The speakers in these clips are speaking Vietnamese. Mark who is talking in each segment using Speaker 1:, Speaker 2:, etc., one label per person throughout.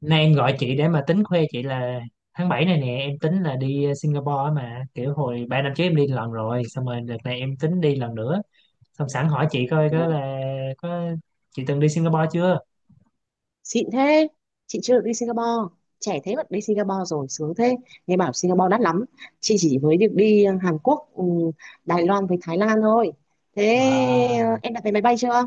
Speaker 1: Nay em gọi chị để mà tính khoe chị là tháng 7 này nè em tính là đi Singapore á, mà kiểu hồi 3 năm trước em đi lần rồi, xong rồi đợt này em tính đi lần nữa, xong sẵn hỏi chị coi có
Speaker 2: Ồ,
Speaker 1: là có chị từng đi Singapore chưa.
Speaker 2: xịn thế. Chị chưa được đi Singapore, trẻ thế mà đi Singapore rồi, sướng thế. Nghe bảo Singapore đắt lắm. Chị chỉ mới được đi Hàn Quốc, Đài Loan với Thái Lan thôi. Thế
Speaker 1: Wow.
Speaker 2: em đặt vé máy bay chưa?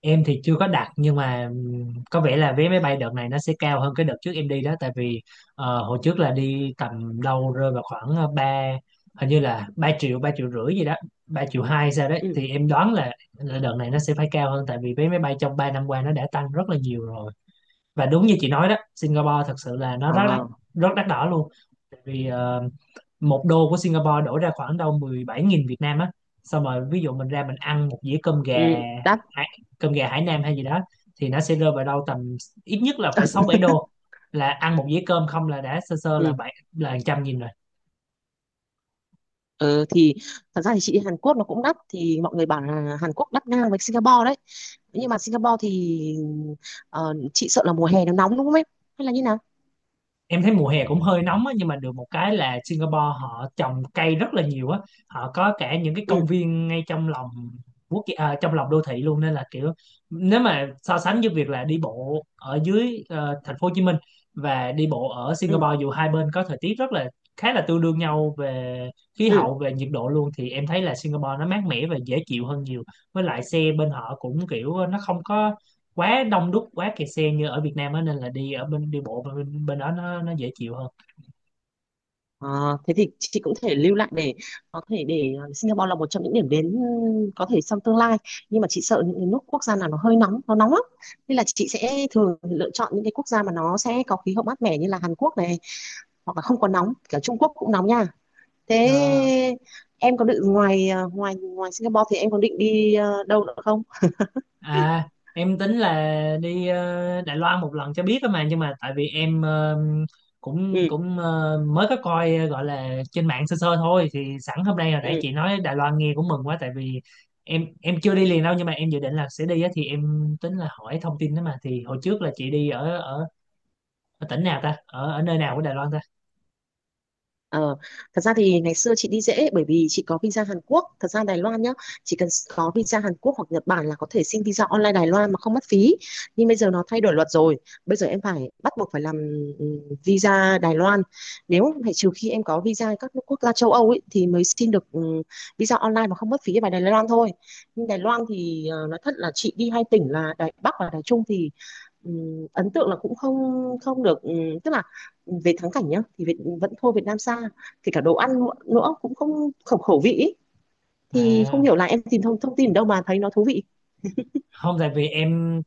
Speaker 1: Em thì chưa có đặt, nhưng mà có vẻ là vé máy bay đợt này nó sẽ cao hơn cái đợt trước em đi đó, tại vì hồi trước là đi tầm đâu rơi vào khoảng ba, hình như là 3 triệu, 3 triệu rưỡi gì đó, 3 triệu hai sao đấy.
Speaker 2: Ừ.
Speaker 1: Thì em đoán là đợt này nó sẽ phải cao hơn, tại vì vé máy bay trong 3 năm qua nó đã tăng rất là nhiều rồi. Và đúng như chị nói đó, Singapore thật sự là nó rất đắt,
Speaker 2: À,
Speaker 1: rất đắt đỏ luôn. Tại vì một đô của Singapore đổi ra khoảng đâu 17.000 Việt Nam á. Xong rồi ví dụ mình ra mình ăn một dĩa cơm gà,
Speaker 2: ừ, đắt.
Speaker 1: hải- cơm gà Hải Nam hay gì đó, thì nó sẽ rơi vào đâu tầm ít nhất là phải 6 7 đô, là ăn một dĩa cơm không là đã sơ sơ là
Speaker 2: Ừ.
Speaker 1: bảy là trăm nghìn rồi.
Speaker 2: Ờ, thì thật ra thì chị đi Hàn Quốc nó cũng đắt, thì mọi người bảo là Hàn Quốc đắt ngang với Singapore đấy. Nhưng mà Singapore thì chị sợ là mùa hè nó nóng đúng không em, hay là như nào?
Speaker 1: Em thấy mùa hè cũng hơi nóng á, nhưng mà được một cái là Singapore họ trồng cây rất là nhiều á, họ có cả những cái
Speaker 2: Ừ.
Speaker 1: công viên ngay trong lòng trong lòng đô thị luôn, nên là kiểu nếu mà so sánh với việc là đi bộ ở dưới thành phố Hồ Chí Minh và đi bộ ở
Speaker 2: Ừ.
Speaker 1: Singapore, dù hai bên có thời tiết rất là, khá là tương đương nhau về khí
Speaker 2: Ừ.
Speaker 1: hậu, về nhiệt độ luôn, thì em thấy là Singapore nó mát mẻ và dễ chịu hơn nhiều. Với lại xe bên họ cũng kiểu nó không có quá đông đúc, quá kẹt xe như ở Việt Nam á, nên là đi ở bên đi bộ bên đó nó dễ chịu hơn.
Speaker 2: Ờ, thế thì chị cũng thể lưu lại để có thể để Singapore là một trong những điểm đến, ừ, có thể trong tương lai. Nhưng mà chị sợ những cái nước quốc gia nào nó hơi nóng, nó nóng lắm, nên là chị sẽ thường lựa chọn những cái quốc gia mà nó sẽ có khí hậu mát mẻ như là Hàn Quốc này, hoặc là không có nóng. Cả Trung Quốc cũng nóng nha. Thế
Speaker 1: Nó-
Speaker 2: em có định ngoài ờ, ngoài ngoài Singapore thì em có định đi đâu nữa không?
Speaker 1: À, em tính là đi Đài Loan một lần cho biết á mà, nhưng mà tại vì em cũng
Speaker 2: Ừ.
Speaker 1: cũng mới có coi gọi là trên mạng sơ sơ thôi, thì sẵn hôm nay hồi nãy
Speaker 2: Ừ.
Speaker 1: chị nói Đài Loan nghe cũng mừng quá. Tại vì em chưa đi liền đâu, nhưng mà em dự định là sẽ đi á, thì em tính là hỏi thông tin đó mà. Thì hồi trước là chị đi ở ở, ở tỉnh nào ta, ở ở nơi nào của Đài Loan ta?
Speaker 2: Ờ, thật ra thì ngày xưa chị đi dễ bởi vì chị có visa Hàn Quốc. Thật ra Đài Loan nhá, chỉ cần có visa Hàn Quốc hoặc Nhật Bản là có thể xin visa online Đài Loan mà không mất phí. Nhưng bây giờ nó thay đổi luật rồi. Bây giờ em phải bắt buộc phải làm ừm, visa Đài Loan. Nếu phải trừ khi em có visa các nước quốc gia châu Âu ấy, thì mới xin được visa online mà không mất phí vào Đài Loan thôi. Nhưng Đài Loan thì nói thật là chị đi hai tỉnh là Đài Bắc và Đài Trung, thì ấn tượng là cũng không không được, tức là về thắng cảnh nhá thì vẫn thua Việt Nam xa, kể cả đồ ăn nữa cũng không khẩu khẩu vị ý. Thì không
Speaker 1: À,
Speaker 2: hiểu là em tìm thông thông tin đâu mà thấy nó thú vị.
Speaker 1: không, tại vì em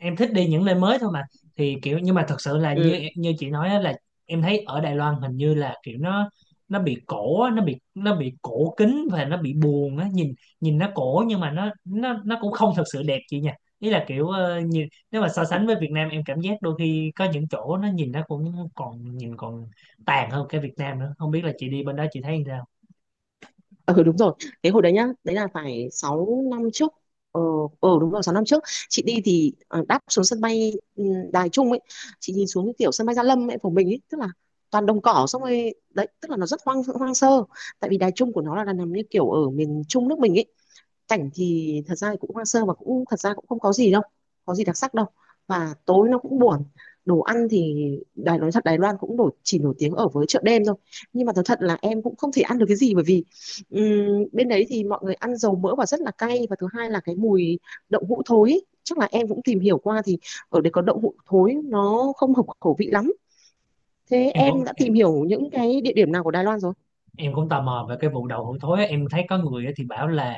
Speaker 1: em thích đi những nơi mới thôi mà. Thì kiểu nhưng mà thật sự là
Speaker 2: Ừ.
Speaker 1: như như chị nói á, là em thấy ở Đài Loan hình như là kiểu nó bị cổ á, nó bị cổ kính và nó bị buồn á, nhìn, nhìn nó cổ nhưng mà nó cũng không thật sự đẹp chị nha. Ý là kiểu nhìn, nếu mà so sánh với Việt Nam em cảm giác đôi khi có những chỗ nó nhìn nó cũng còn nhìn còn tàn hơn cái Việt Nam nữa, không biết là chị đi bên đó chị thấy sao.
Speaker 2: Ừ, đúng rồi, cái hồi đấy nhá, đấy là phải 6 năm trước. Ờ. Ờ, đúng rồi, 6 năm trước chị đi thì đáp xuống sân bay, Đài Trung ấy. Chị nhìn xuống cái kiểu sân bay Gia Lâm ấy của mình ấy, tức là toàn đồng cỏ. Xong rồi đấy, tức là nó rất hoang hoang sơ, tại vì Đài Trung của nó là nằm như kiểu ở miền Trung nước mình ấy. Cảnh thì thật ra thì cũng hoang sơ và cũng thật ra cũng không có gì đâu, có gì đặc sắc đâu, và tối nó cũng buồn. Đồ ăn thì nói thật Đài Loan cũng nổi, chỉ nổi tiếng ở với chợ đêm thôi. Nhưng mà thật thật là em cũng không thể ăn được cái gì, bởi vì bên đấy thì mọi người ăn dầu mỡ và rất là cay, và thứ hai là cái mùi đậu hũ thối ý. Chắc là em cũng tìm hiểu qua thì ở đây có đậu hũ thối, nó không hợp khẩu vị lắm. Thế
Speaker 1: em cũng
Speaker 2: em đã tìm hiểu những cái địa điểm nào của Đài Loan rồi?
Speaker 1: em cũng tò mò về cái vụ đậu hũ thối á. Em thấy có người á thì bảo là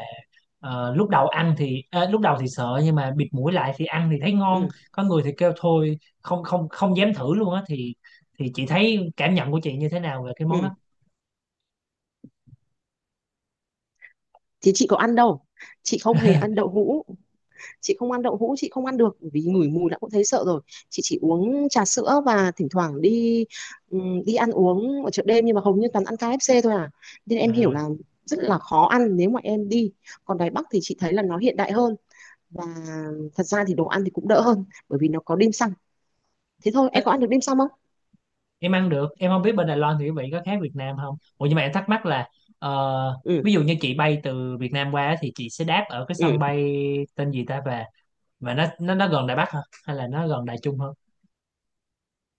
Speaker 1: lúc đầu ăn thì lúc đầu thì sợ, nhưng mà bịt mũi lại thì ăn thì thấy ngon,
Speaker 2: Ừ.
Speaker 1: có người thì kêu thôi không không không dám thử luôn á, thì chị thấy cảm nhận của chị như thế nào về cái món
Speaker 2: Ừ,
Speaker 1: đó?
Speaker 2: thì chị có ăn đâu, chị không hề ăn đậu hũ. Chị không ăn đậu hũ, chị không ăn được vì ngửi mùi đã cũng thấy sợ rồi. Chị chỉ uống trà sữa và thỉnh thoảng đi đi ăn uống ở chợ đêm, nhưng mà hầu như toàn ăn KFC thôi à. Nên
Speaker 1: Ừ.
Speaker 2: em hiểu là rất là khó ăn nếu mà em đi. Còn Đài Bắc thì chị thấy là nó hiện đại hơn, và thật ra thì đồ ăn thì cũng đỡ hơn bởi vì nó có dim sum. Thế thôi em
Speaker 1: Tức,
Speaker 2: có ăn được dim sum không?
Speaker 1: em ăn được, em không biết bên Đài Loan thì quý vị có khác Việt Nam không. Ủa, nhưng mà em thắc mắc là ờ,
Speaker 2: Ừ.
Speaker 1: ví dụ như chị bay từ Việt Nam qua á thì chị sẽ đáp ở cái sân
Speaker 2: Ừ,
Speaker 1: bay tên gì ta về, mà nó gần Đài Bắc hả, hay là nó gần Đài Trung hơn?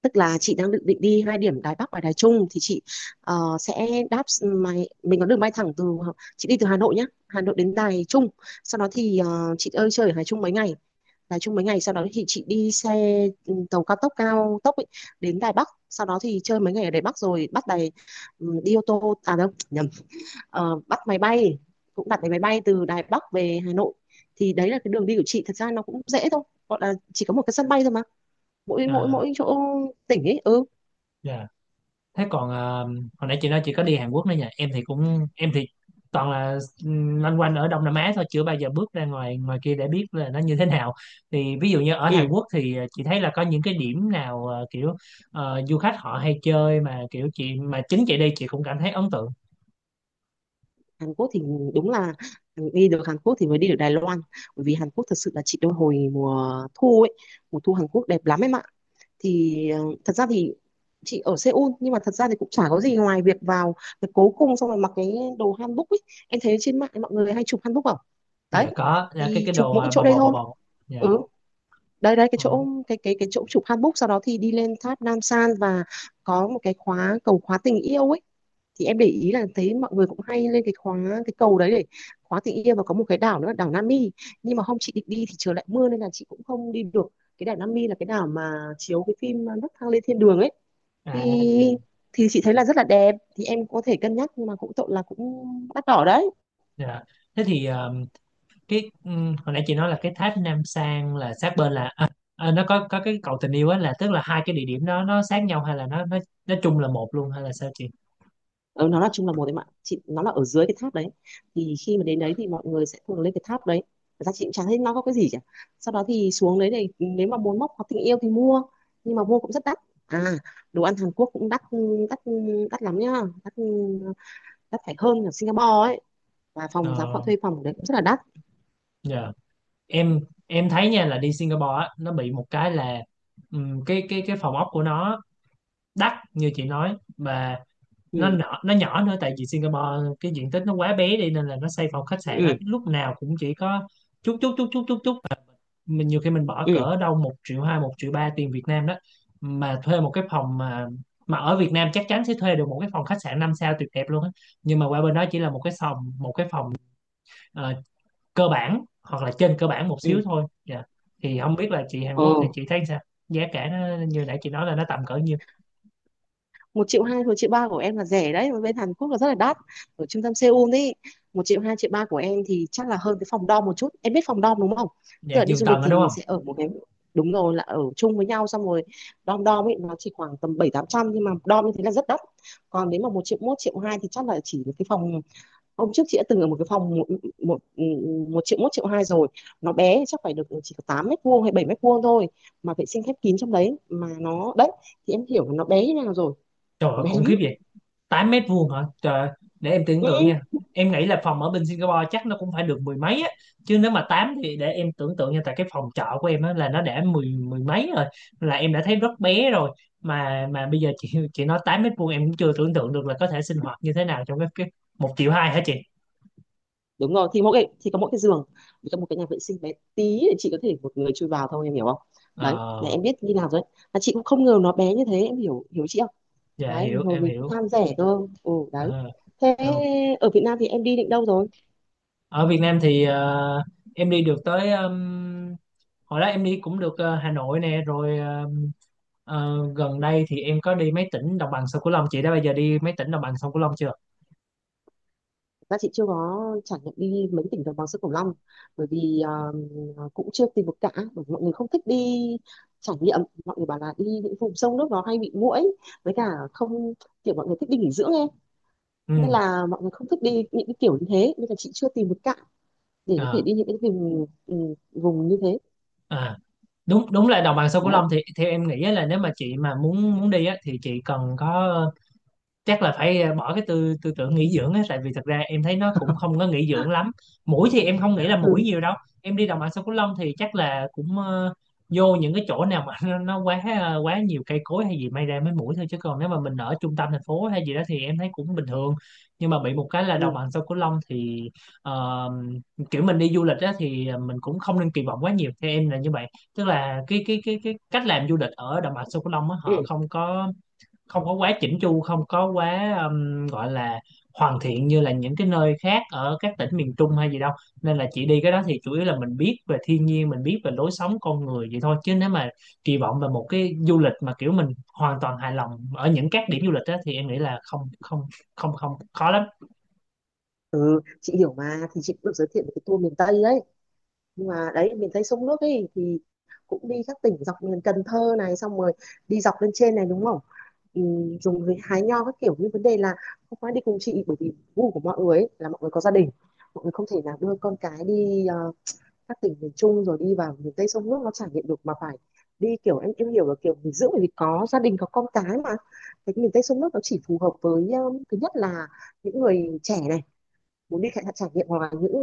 Speaker 2: tức là chị đang định định đi hai điểm Đài Bắc và Đài Trung, thì chị sẽ đáp máy, mình có đường bay thẳng từ, chị đi từ Hà Nội nhá, Hà Nội đến Đài Trung. Sau đó thì chị ơi chơi ở Đài Trung mấy ngày, sau đó thì chị đi xe, tàu cao tốc, cao tốc ấy, đến Đài Bắc. Sau đó thì chơi mấy ngày ở Đài Bắc rồi bắt đi ô tô à, đâu nhầm. Ờ, bắt máy bay, cũng đặt vé máy bay từ Đài Bắc về Hà Nội. Thì đấy là cái đường đi của chị, thật ra nó cũng dễ thôi, gọi là chỉ có một cái sân bay thôi mà, mỗi mỗi
Speaker 1: Ờ,
Speaker 2: mỗi chỗ tỉnh ấy. Ừ.
Speaker 1: dạ. Thế còn hồi nãy chị nói chị có đi Hàn Quốc nữa nhỉ, em thì cũng em thì toàn là loanh quanh ở Đông Nam Á thôi, chưa bao giờ bước ra ngoài ngoài kia để biết là nó như thế nào. Thì ví dụ như ở
Speaker 2: Ừ,
Speaker 1: Hàn Quốc thì chị thấy là có những cái điểm nào kiểu du khách họ hay chơi mà kiểu chị mà chính chị đi chị cũng cảm thấy ấn tượng?
Speaker 2: Hàn Quốc thì đúng là đi được Hàn Quốc thì mới đi được Đài Loan. Bởi vì Hàn Quốc thật sự là chị đôi hồi mùa thu ấy, mùa thu Hàn Quốc đẹp lắm em ạ. Thì thật ra thì chị ở Seoul, nhưng mà thật ra thì cũng chả có gì ngoài việc vào việc cố cung, xong rồi mặc cái đồ hanbok ấy. Em thấy trên mạng mọi người hay chụp hanbok không? Đấy,
Speaker 1: Dạ có, dạ, cái
Speaker 2: thì
Speaker 1: cái
Speaker 2: chụp
Speaker 1: đồ
Speaker 2: mỗi chỗ
Speaker 1: bò
Speaker 2: đây
Speaker 1: bò bò
Speaker 2: thôi.
Speaker 1: bò
Speaker 2: Ừ,
Speaker 1: Dạ.
Speaker 2: đây đây, cái
Speaker 1: Ừ.
Speaker 2: chỗ cái chỗ chụp handbook, sau đó thì đi lên tháp Nam San, và có một cái khóa cầu khóa tình yêu ấy. Thì em để ý là thấy mọi người cũng hay lên cái khóa cái cầu đấy để khóa tình yêu. Và có một cái đảo nữa là đảo Nami, nhưng mà hôm chị định đi thì trời lại mưa nên là chị cũng không đi được. Cái đảo Nami là cái đảo mà chiếu cái phim Nấc thang lên thiên đường ấy. Thì
Speaker 1: À.
Speaker 2: chị thấy là rất là đẹp, thì em có thể cân nhắc, nhưng mà cũng tội là cũng đắt đỏ đấy.
Speaker 1: Dạ. Thế thì cái hồi nãy chị nói là cái tháp Nam Sang là sát bên là à, à, nó có cái cầu tình yêu á, là tức là hai cái địa điểm đó nó sát nhau hay là nó chung là một luôn, hay là sao chị?
Speaker 2: Ừ, nó là chung là một đấy mà chị, nó là ở dưới cái tháp đấy. Thì khi mà đến đấy thì mọi người sẽ thường lên cái tháp đấy. Thật ra chị cũng chẳng thấy nó có cái gì cả. Sau đó thì xuống đấy thì nếu mà muốn móc hoặc tình yêu thì mua, nhưng mà mua cũng rất đắt. À, đồ ăn Hàn Quốc cũng đắt. Đắt, đắt lắm nhá. Đắt, đắt phải hơn ở Singapore ấy. Và phòng giá, họ
Speaker 1: Ờ,
Speaker 2: thuê phòng ở đấy cũng rất là đắt.
Speaker 1: dạ. Em em thấy nha là đi Singapore á nó bị một cái là cái phòng ốc của nó đắt như chị nói, và nó
Speaker 2: Ừ.
Speaker 1: nhỏ, nó nhỏ nữa. Tại vì Singapore cái diện tích nó quá bé đi nên là nó xây phòng khách sạn á
Speaker 2: Ừ.
Speaker 1: lúc nào cũng chỉ có chút chút chút chút chút chút, mình nhiều khi mình bỏ
Speaker 2: Ừ.
Speaker 1: cỡ đâu một triệu hai, một triệu ba tiền Việt Nam đó mà thuê một cái phòng, mà ở Việt Nam chắc chắn sẽ thuê được một cái phòng khách sạn 5 sao tuyệt đẹp luôn á, nhưng mà qua bên đó chỉ là một cái phòng, một cái phòng ờ, cơ bản hoặc là trên cơ bản một xíu
Speaker 2: Ừ.
Speaker 1: thôi. Dạ, thì không biết là chị Hàn Quốc thì
Speaker 2: Ừ,
Speaker 1: chị thấy sao, giá cả nó như nãy chị nói là nó tầm cỡ nhiêu.
Speaker 2: một triệu hai một triệu ba của em là rẻ đấy, mà bên Hàn Quốc là rất là đắt. Ở trung tâm Seoul ấy, một triệu hai triệu ba của em thì chắc là hơn cái phòng dorm một chút, em biết phòng dorm đúng không?
Speaker 1: Dạ
Speaker 2: Tức là đi
Speaker 1: giường
Speaker 2: du lịch
Speaker 1: tầng đó
Speaker 2: thì
Speaker 1: đúng
Speaker 2: mình
Speaker 1: không?
Speaker 2: sẽ ở một cái, đúng rồi, là ở chung với nhau. Xong rồi dorm dorm ấy, nó chỉ khoảng tầm bảy tám trăm, nhưng mà dorm như thế là rất đắt. Còn nếu mà một triệu hai thì chắc là chỉ một cái phòng. Hôm trước chị đã từng ở một cái phòng một một, ừ, một triệu hai rồi. Nó bé, chắc phải được chỉ có 8 mét vuông hay 7 mét vuông thôi, mà vệ sinh khép kín trong đấy, mà nó đấy. Thì em hiểu là nó bé như thế nào rồi,
Speaker 1: Trời
Speaker 2: nó
Speaker 1: ơi
Speaker 2: bé
Speaker 1: khủng
Speaker 2: lắm.
Speaker 1: khiếp vậy. Tám mét vuông hả? Trời, để em tưởng tượng
Speaker 2: Ừ,
Speaker 1: nha. Em nghĩ là phòng ở bên Singapore chắc nó cũng phải được mười mấy á. Chứ nếu mà 8 thì để em tưởng tượng nha. Tại cái phòng trọ của em á là nó đã mười mười mấy rồi. Là em đã thấy rất bé rồi. Mà bây giờ chị nói 8 mét vuông em cũng chưa tưởng tượng được là có thể sinh hoạt như thế nào trong cái một triệu hai hả chị?
Speaker 2: đúng rồi, thì mỗi cái thì có mỗi cái giường, với cả một cái nhà vệ sinh bé tí để chị có thể một người chui vào thôi, em hiểu không? Đấy là
Speaker 1: Ờ,
Speaker 2: em biết như nào rồi đấy, mà chị cũng không ngờ nó bé như thế, em hiểu hiểu chị không?
Speaker 1: dạ
Speaker 2: Đấy thì
Speaker 1: hiểu,
Speaker 2: hồi
Speaker 1: em
Speaker 2: mình cũng
Speaker 1: hiểu.
Speaker 2: tham rẻ cơ. Ừ, đấy.
Speaker 1: Ờ,
Speaker 2: Thế
Speaker 1: được.
Speaker 2: ở Việt Nam thì em đi định đâu rồi?
Speaker 1: Ở Việt Nam thì em đi được tới hồi đó em đi cũng được Hà Nội nè, rồi gần đây thì em có đi mấy tỉnh đồng bằng sông Cửu Long. Chị đã bao giờ đi mấy tỉnh đồng bằng sông Cửu Long chưa?
Speaker 2: Ra chị chưa có trải nghiệm đi mấy tỉnh đồng bằng sông Cửu Long, bởi vì cũng chưa tìm được cả, bởi vì mọi người không thích đi trải nghiệm. Mọi người bảo là đi những vùng sông nước nó hay bị muỗi, với cả không, kiểu mọi người thích đi nghỉ dưỡng em.
Speaker 1: Ừ.
Speaker 2: Nên là mọi người không thích đi những cái kiểu như thế, nên là chị chưa tìm được cạn để có thể
Speaker 1: À,
Speaker 2: đi những cái vùng, vùng như thế.
Speaker 1: à. Đúng đúng là đồng bằng sông Cửu
Speaker 2: Đấy.
Speaker 1: Long thì theo em nghĩ á là nếu mà chị mà muốn muốn đi á thì chị cần có, chắc là phải bỏ cái tư tư tưởng nghỉ dưỡng á, tại vì thật ra em thấy nó cũng không có nghỉ dưỡng lắm. Mũi thì em không nghĩ là mũi
Speaker 2: Ừ.
Speaker 1: nhiều đâu, em đi đồng bằng sông Cửu Long thì chắc là cũng vô những cái chỗ nào mà nó quá quá nhiều cây cối hay gì may ra mới mũi thôi, chứ còn nếu mà mình ở trung tâm thành phố hay gì đó thì em thấy cũng bình thường. Nhưng mà bị một cái là đồng
Speaker 2: Ừ.
Speaker 1: bằng sông Cửu Long thì ờ, kiểu mình đi du lịch á thì mình cũng không nên kỳ vọng quá nhiều, theo em là như vậy. Tức là cái cách làm du lịch ở đồng bằng sông Cửu Long á họ
Speaker 2: Ừ,
Speaker 1: không có, không có quá chỉnh chu, không có quá gọi là hoàn thiện như là những cái nơi khác ở các tỉnh miền Trung hay gì đâu. Nên là chị đi cái đó thì chủ yếu là mình biết về thiên nhiên, mình biết về lối sống con người vậy thôi, chứ nếu mà kỳ vọng về một cái du lịch mà kiểu mình hoàn toàn hài lòng ở những các điểm du lịch đó, thì em nghĩ là không không không không khó lắm.
Speaker 2: chị hiểu mà, thì chị cũng được giới thiệu một cái tour miền Tây đấy, nhưng mà đấy miền Tây sông nước ấy thì cũng đi các tỉnh dọc miền Cần Thơ này, xong rồi đi dọc lên trên này đúng không? Ừ, dùng với hái nho các kiểu, nhưng vấn đề là không phải đi cùng chị, bởi vì gu của mọi người ấy, là mọi người có gia đình, mọi người không thể nào đưa con cái đi các tỉnh miền Trung rồi đi vào miền Tây sông nước nó trải nghiệm được, mà phải đi kiểu em hiểu là kiểu nghỉ dưỡng, bởi vì có gia đình có con cái mà. Cái miền Tây sông nước nó chỉ phù hợp với, thứ nhất là những người trẻ này muốn đi trải trải nghiệm, hoặc là những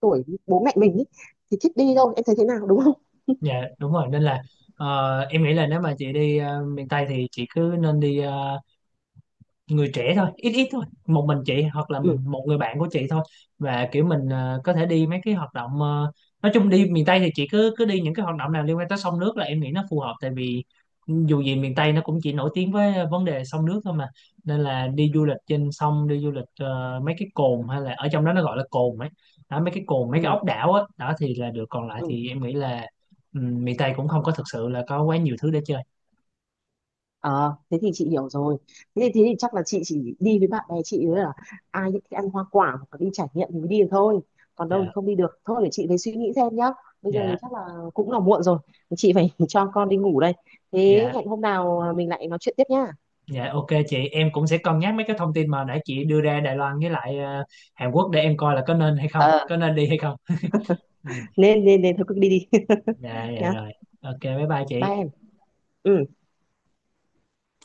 Speaker 2: tuổi bố mẹ mình ý, thì thích đi thôi. Em thấy thế nào đúng không?
Speaker 1: Dạ đúng rồi, nên là em nghĩ là nếu mà chị đi miền Tây thì chị cứ nên đi người trẻ thôi, ít ít thôi, một mình chị hoặc là
Speaker 2: Ừ.
Speaker 1: một người bạn của chị thôi. Và kiểu mình có thể đi mấy cái hoạt động nói chung đi miền Tây thì chị cứ cứ đi những cái hoạt động nào liên quan tới sông nước là em nghĩ nó phù hợp. Tại vì dù gì miền Tây nó cũng chỉ nổi tiếng với vấn đề sông nước thôi mà, nên là đi du lịch trên sông, đi du lịch mấy cái cồn hay là ở trong đó nó gọi là cồn ấy đó, mấy cái cồn, mấy cái
Speaker 2: Ừ.
Speaker 1: ốc đảo á đó thì là được, còn lại
Speaker 2: Ừ.
Speaker 1: thì em nghĩ là ừ, miền Tây cũng không có thực sự là có quá nhiều thứ để chơi.
Speaker 2: Ờ, thế thì chị hiểu rồi. Thế thì chắc là chị chỉ đi với bạn bè chị nữa, là ai thích ăn hoa quả hoặc là đi trải nghiệm thì mới đi được thôi. Còn đâu
Speaker 1: Dạ.
Speaker 2: thì không đi được. Thôi để chị phải suy nghĩ xem nhá. Bây giờ
Speaker 1: Dạ.
Speaker 2: thì chắc là cũng là muộn rồi. Chị phải cho con đi ngủ đây. Thế
Speaker 1: Dạ.
Speaker 2: hẹn hôm nào mình lại nói chuyện tiếp nhá.
Speaker 1: Dạ ok chị, em cũng sẽ cân nhắc mấy cái thông tin mà nãy chị đưa ra Đài Loan, với lại Hàn Quốc, để em coi là có nên hay không,
Speaker 2: Ờ,
Speaker 1: có nên đi hay không. Ừ.
Speaker 2: nên nên nên thôi cứ đi đi
Speaker 1: Dạ dạ
Speaker 2: nhá.
Speaker 1: rồi. Ok bye bye chị.
Speaker 2: Bye em. Ừ.